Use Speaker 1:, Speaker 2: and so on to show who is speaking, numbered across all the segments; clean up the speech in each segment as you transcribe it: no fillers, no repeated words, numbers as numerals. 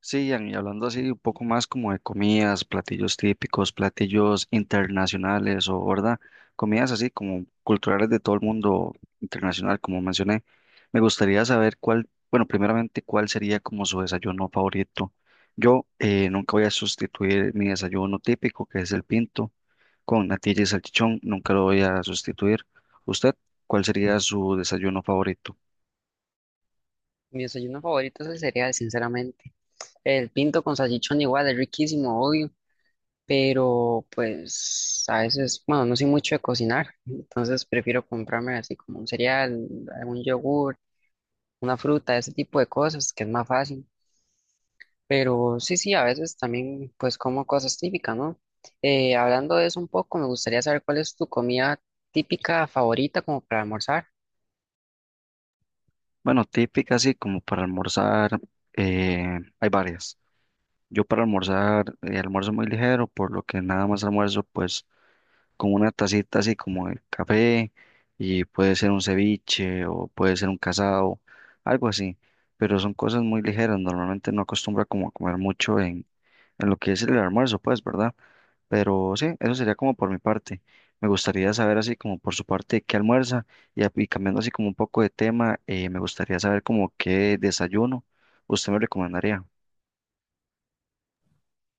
Speaker 1: Sí, Ian, y hablando así un poco más como de comidas, platillos típicos, platillos internacionales o, ¿verdad? Comidas así como culturales de todo el mundo internacional, como mencioné. Me gustaría saber cuál, bueno, primeramente, cuál sería como su desayuno favorito. Yo nunca voy a sustituir mi desayuno típico, que es el pinto, con natilla y salchichón, nunca lo voy a sustituir. ¿Usted cuál sería su desayuno favorito?
Speaker 2: Mi desayuno favorito es el cereal, sinceramente. El pinto con salchichón igual es riquísimo, obvio, pero pues a veces, bueno, no soy mucho de cocinar, entonces prefiero comprarme así como un cereal, algún yogur, una fruta, ese tipo de cosas, que es más fácil. Pero sí, sí, a veces también pues como cosas típicas, ¿no? Hablando de eso un poco, me gustaría saber cuál es tu comida típica favorita como para almorzar.
Speaker 1: Bueno, típica así como para almorzar, hay varias. Yo para almorzar, almuerzo muy ligero, por lo que nada más almuerzo pues con una tacita así como de café y puede ser un ceviche o puede ser un casado, algo así, pero son cosas muy ligeras, normalmente no acostumbra como a comer mucho en lo que es el almuerzo pues, ¿verdad? Pero sí, eso sería como por mi parte. Me gustaría saber así como por su parte qué almuerza y, y cambiando así como un poco de tema, me gustaría saber como qué desayuno usted me recomendaría.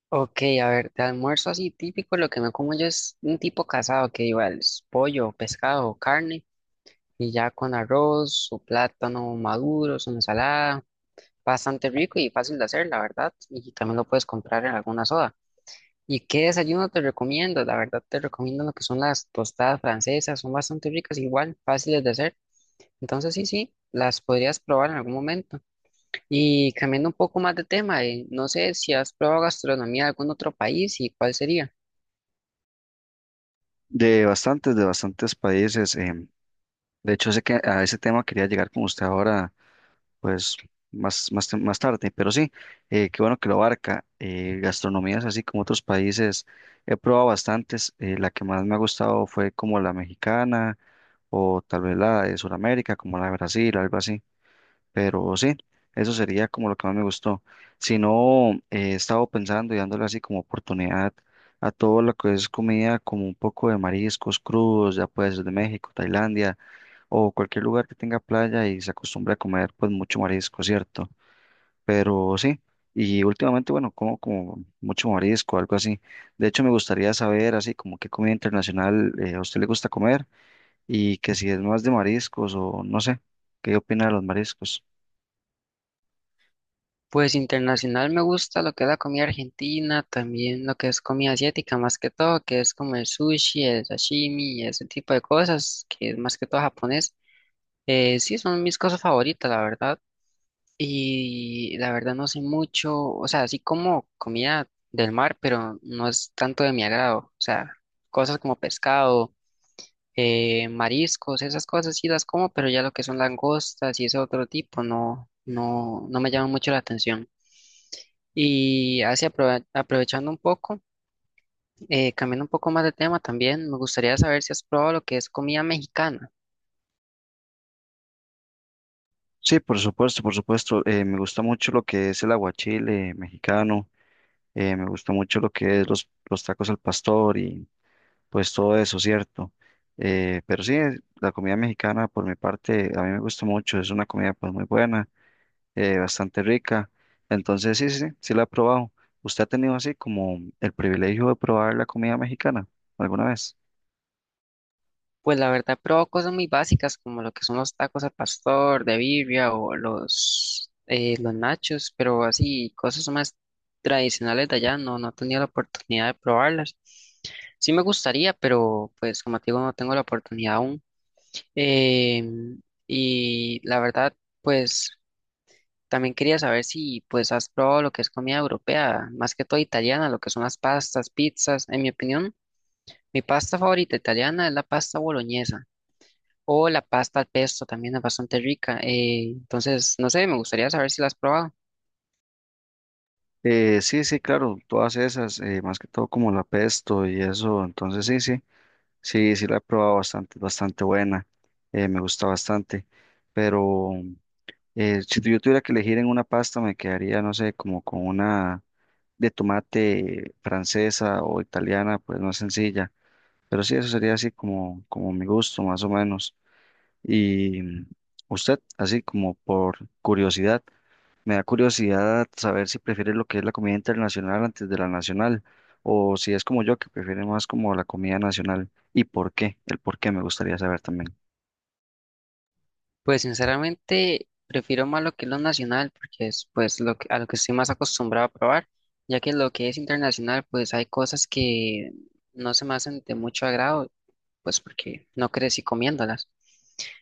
Speaker 2: Ok, a ver, de almuerzo así típico, lo que me como yo es un tipo casado que igual es pollo, pescado, carne, y ya con arroz, su plátano maduro, su ensalada, bastante rico y fácil de hacer, la verdad, y también lo puedes comprar en alguna soda. ¿Y qué desayuno te recomiendo? La verdad te recomiendo lo que son las tostadas francesas, son bastante ricas, igual, fáciles de hacer. Entonces sí, sí, las podrías probar en algún momento. Y cambiando un poco más de tema, no sé si has probado gastronomía de algún otro país y cuál sería.
Speaker 1: De bastantes países. De hecho, sé que a ese tema quería llegar con usted ahora, pues más tarde, pero sí, qué bueno que lo abarca. Gastronomías así como otros países, he probado bastantes. La que más me ha gustado fue como la mexicana o tal vez la de Sudamérica, como la de Brasil, algo así. Pero sí, eso sería como lo que más me gustó. Si no, he estado pensando y dándole así como oportunidad a todo lo que es comida, como un poco de mariscos crudos, ya puede ser de México, Tailandia o cualquier lugar que tenga playa y se acostumbre a comer pues mucho marisco, ¿cierto? Pero sí, y últimamente, bueno, como mucho marisco, algo así. De hecho, me gustaría saber así como qué comida internacional a usted le gusta comer y que si es más de mariscos o no sé, ¿qué opina de los mariscos?
Speaker 2: Pues internacional me gusta lo que es la comida argentina, también lo que es comida asiática, más que todo, que es como el sushi, el sashimi, ese tipo de cosas, que es más que todo japonés. Sí, son mis cosas favoritas, la verdad. Y la verdad no sé mucho, o sea, así como comida del mar, pero no es tanto de mi agrado. O sea, cosas como pescado, mariscos, esas cosas sí las como, pero ya lo que son langostas y ese otro tipo no, no, no me llama mucho la atención. Y así aprovechando un poco, cambiando un poco más de tema también, me gustaría saber si has probado lo que es comida mexicana.
Speaker 1: Sí, por supuesto, por supuesto. Me gusta mucho lo que es el aguachile mexicano, me gusta mucho lo que es los tacos al pastor y pues todo eso, ¿cierto? Pero sí, la comida mexicana por mi parte a mí me gusta mucho, es una comida pues muy buena, bastante rica. Entonces sí, sí, sí, sí la he probado. ¿Usted ha tenido así como el privilegio de probar la comida mexicana alguna vez?
Speaker 2: Pues la verdad, he probado cosas muy básicas como lo que son los tacos al pastor, de birria o los nachos, pero así cosas más tradicionales de allá no, no he tenido la oportunidad de probarlas. Sí me gustaría, pero pues como te digo, no tengo la oportunidad aún. Em, y la verdad, pues... también quería saber si pues has probado lo que es comida europea, más que todo italiana, lo que son las pastas, pizzas. En mi opinión, mi pasta favorita italiana es la pasta boloñesa o la pasta al pesto, también es bastante rica. Entonces, no sé, me gustaría saber si la has probado.
Speaker 1: Sí, sí, claro, todas esas, más que todo como la pesto y eso, entonces sí, sí. Sí, sí la he probado bastante, bastante buena, me gusta bastante, pero si yo tuviera que elegir en una pasta me quedaría, no sé, como con una de tomate francesa o italiana, pues no es sencilla, pero sí, eso sería así como, como mi gusto, más o menos. Y usted, así como por curiosidad, me da curiosidad saber si prefieres lo que es la comida internacional antes de la nacional, o si es como yo, que prefiere más como la comida nacional. ¿Y por qué? El por qué me gustaría saber también.
Speaker 2: Pues sinceramente, prefiero más lo que es lo nacional, porque es pues lo que, a lo que estoy más acostumbrado a probar, ya que lo que es internacional, pues hay cosas que no se me hacen de mucho agrado, pues porque no crecí comiéndolas.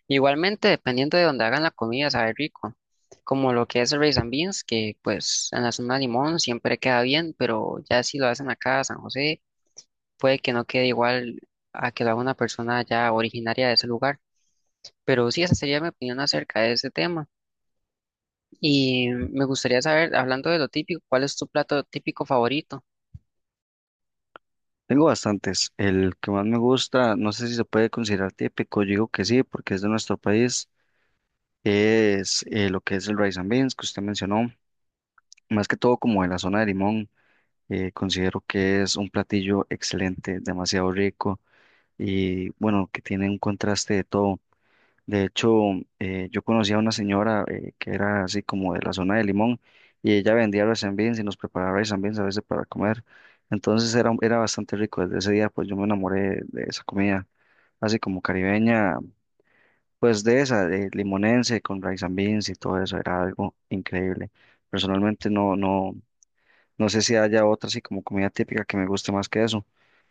Speaker 2: Igualmente, dependiendo de donde hagan la comida, sabe rico. Como lo que es el rice and beans, que pues en la zona de Limón siempre queda bien, pero ya si lo hacen acá a San José, puede que no quede igual a que lo haga una persona ya originaria de ese lugar. Pero sí, esa sería mi opinión acerca de ese tema. Y me gustaría saber, hablando de lo típico, ¿cuál es tu plato típico favorito?
Speaker 1: Tengo bastantes. El que más me gusta, no sé si se puede considerar típico, yo digo que sí, porque es de nuestro país, es lo que es el rice and beans que usted mencionó, más que todo como de la zona de Limón. Considero que es un platillo excelente, demasiado rico y bueno, que tiene un contraste de todo. De hecho, yo conocí a una señora que era así como de la zona de Limón y ella vendía rice beans y nos preparaba rice beans a veces para comer. Entonces era bastante rico. Desde ese día pues yo me enamoré de esa comida, así como caribeña, pues de esa, de limonense con rice and beans y todo eso, era algo increíble. Personalmente no, no. No sé si haya otra así como comida típica que me guste más que eso.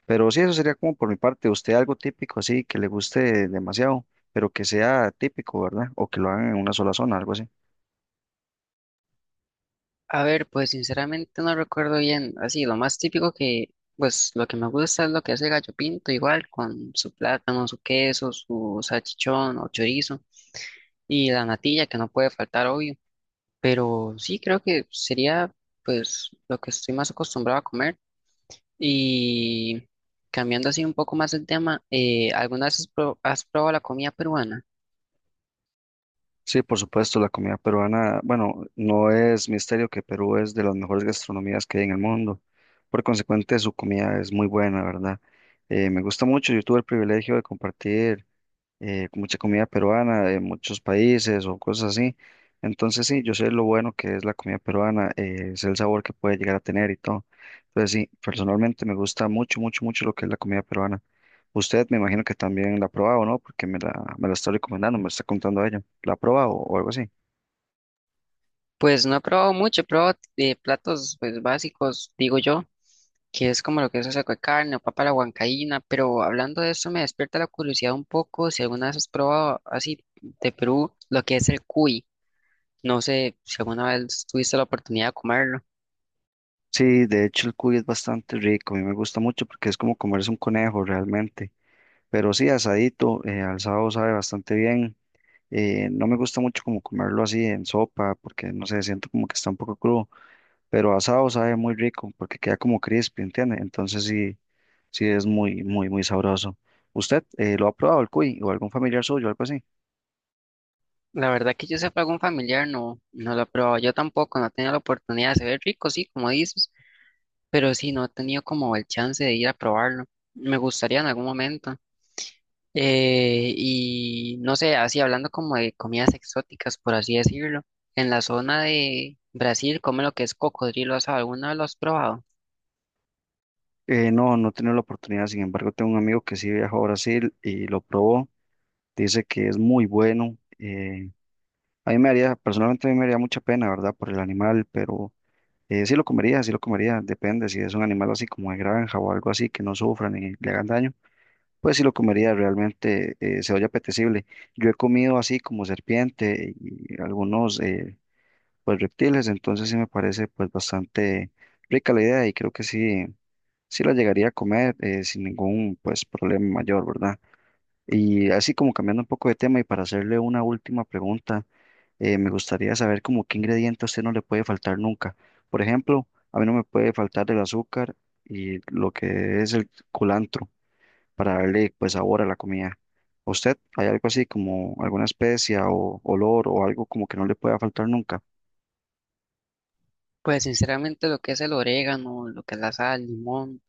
Speaker 1: Pero sí, eso sería como por mi parte. Usted algo típico así que le guste demasiado, pero que sea típico, ¿verdad? O que lo hagan en una sola zona, algo así.
Speaker 2: A ver, pues sinceramente no recuerdo bien, así, lo más típico que, pues lo que me gusta es lo que hace Gallo Pinto, igual con su plátano, su queso, su salchichón o chorizo y la natilla que no puede faltar, obvio, pero sí creo que sería pues lo que estoy más acostumbrado a comer y cambiando así un poco más el tema, ¿alguna vez has has probado la comida peruana?
Speaker 1: Sí, por supuesto, la comida peruana, bueno, no es misterio que Perú es de las mejores gastronomías que hay en el mundo. Por consecuente, su comida es muy buena, ¿verdad? Me gusta mucho. Yo tuve el privilegio de compartir mucha comida peruana de muchos países o cosas así. Entonces sí, yo sé lo bueno que es la comida peruana, sé el sabor que puede llegar a tener y todo. Entonces sí, personalmente me gusta mucho, mucho, mucho lo que es la comida peruana. Usted me imagino que también la ha probado, ¿no? Porque me la está recomendando, me está contando ella. ¿La ha probado o algo así?
Speaker 2: Pues no he probado mucho, he probado platos pues básicos, digo yo. Que es como lo que es un saco de carne o papa a la huancaína, pero hablando de esto me despierta la curiosidad un poco si alguna vez has probado así de Perú lo que es el cuy. No sé si alguna vez tuviste la oportunidad de comerlo.
Speaker 1: Sí, de hecho el cuy es bastante rico, a mí me gusta mucho porque es como comerse un conejo realmente. Pero sí, asadito, al sábado sabe bastante bien. No me gusta mucho como comerlo así en sopa, porque no sé, siento como que está un poco crudo, pero asado sabe muy rico porque queda como crispy, ¿entiende? Entonces sí, sí es muy, muy, muy sabroso. ¿Usted lo ha probado el cuy o algún familiar suyo, algo así?
Speaker 2: La verdad que yo sepa algún familiar no, no lo ha probado. Yo tampoco, no he tenido la oportunidad. Se ve rico, sí, como dices, pero sí, no he tenido como el chance de ir a probarlo. Me gustaría en algún momento. Y no sé, así hablando como de comidas exóticas, por así decirlo, en la zona de Brasil, come lo que es cocodrilo asado, ¿alguna vez lo has probado?
Speaker 1: No, no he tenido la oportunidad, sin embargo, tengo un amigo que sí viajó a Brasil y lo probó, dice que es muy bueno. A mí me haría, personalmente a mí me haría mucha pena, ¿verdad? Por el animal, pero sí lo comería, depende si es un animal así como de granja o algo así que no sufra ni le hagan daño. Pues sí lo comería, realmente se oye apetecible. Yo he comido así como serpiente y algunos pues reptiles, entonces sí me parece pues bastante rica la idea y creo que sí, sí la llegaría a comer sin ningún pues problema mayor, ¿verdad? Y así como cambiando un poco de tema y para hacerle una última pregunta, me gustaría saber como qué ingrediente a usted no le puede faltar nunca. Por ejemplo, a mí no me puede faltar el azúcar y lo que es el culantro para darle pues sabor a la comida. ¿A usted hay algo así como alguna especia o olor o algo como que no le pueda faltar nunca?
Speaker 2: Pues sinceramente lo que es el orégano, lo que es la sal, el limón,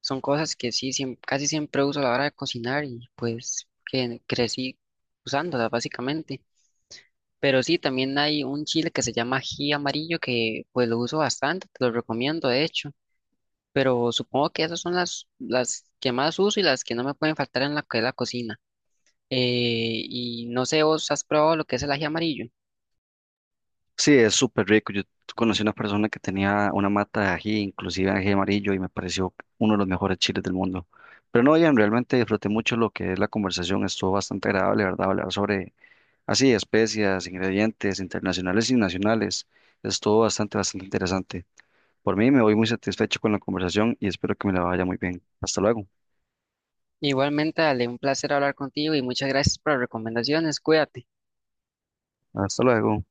Speaker 2: son cosas que sí, casi siempre uso a la hora de cocinar y pues que crecí usándolas básicamente. Pero sí, también hay un chile que se llama ají amarillo que pues lo uso bastante, te lo recomiendo de hecho. Pero supongo que esas son las que más uso y las que no me pueden faltar en la que es la cocina. Y no sé, vos has probado lo que es el ají amarillo.
Speaker 1: Sí, es súper rico. Yo conocí una persona que tenía una mata de ají, inclusive ají amarillo, y me pareció uno de los mejores chiles del mundo. Pero no, Ian, realmente disfruté mucho lo que es la conversación. Estuvo bastante agradable, ¿verdad? Hablar sobre así, especias, ingredientes internacionales y nacionales. Estuvo bastante, bastante interesante. Por mí me voy muy satisfecho con la conversación y espero que me la vaya muy bien. Hasta luego.
Speaker 2: Igualmente, dale un placer hablar contigo y muchas gracias por las recomendaciones. Cuídate.
Speaker 1: Hasta luego.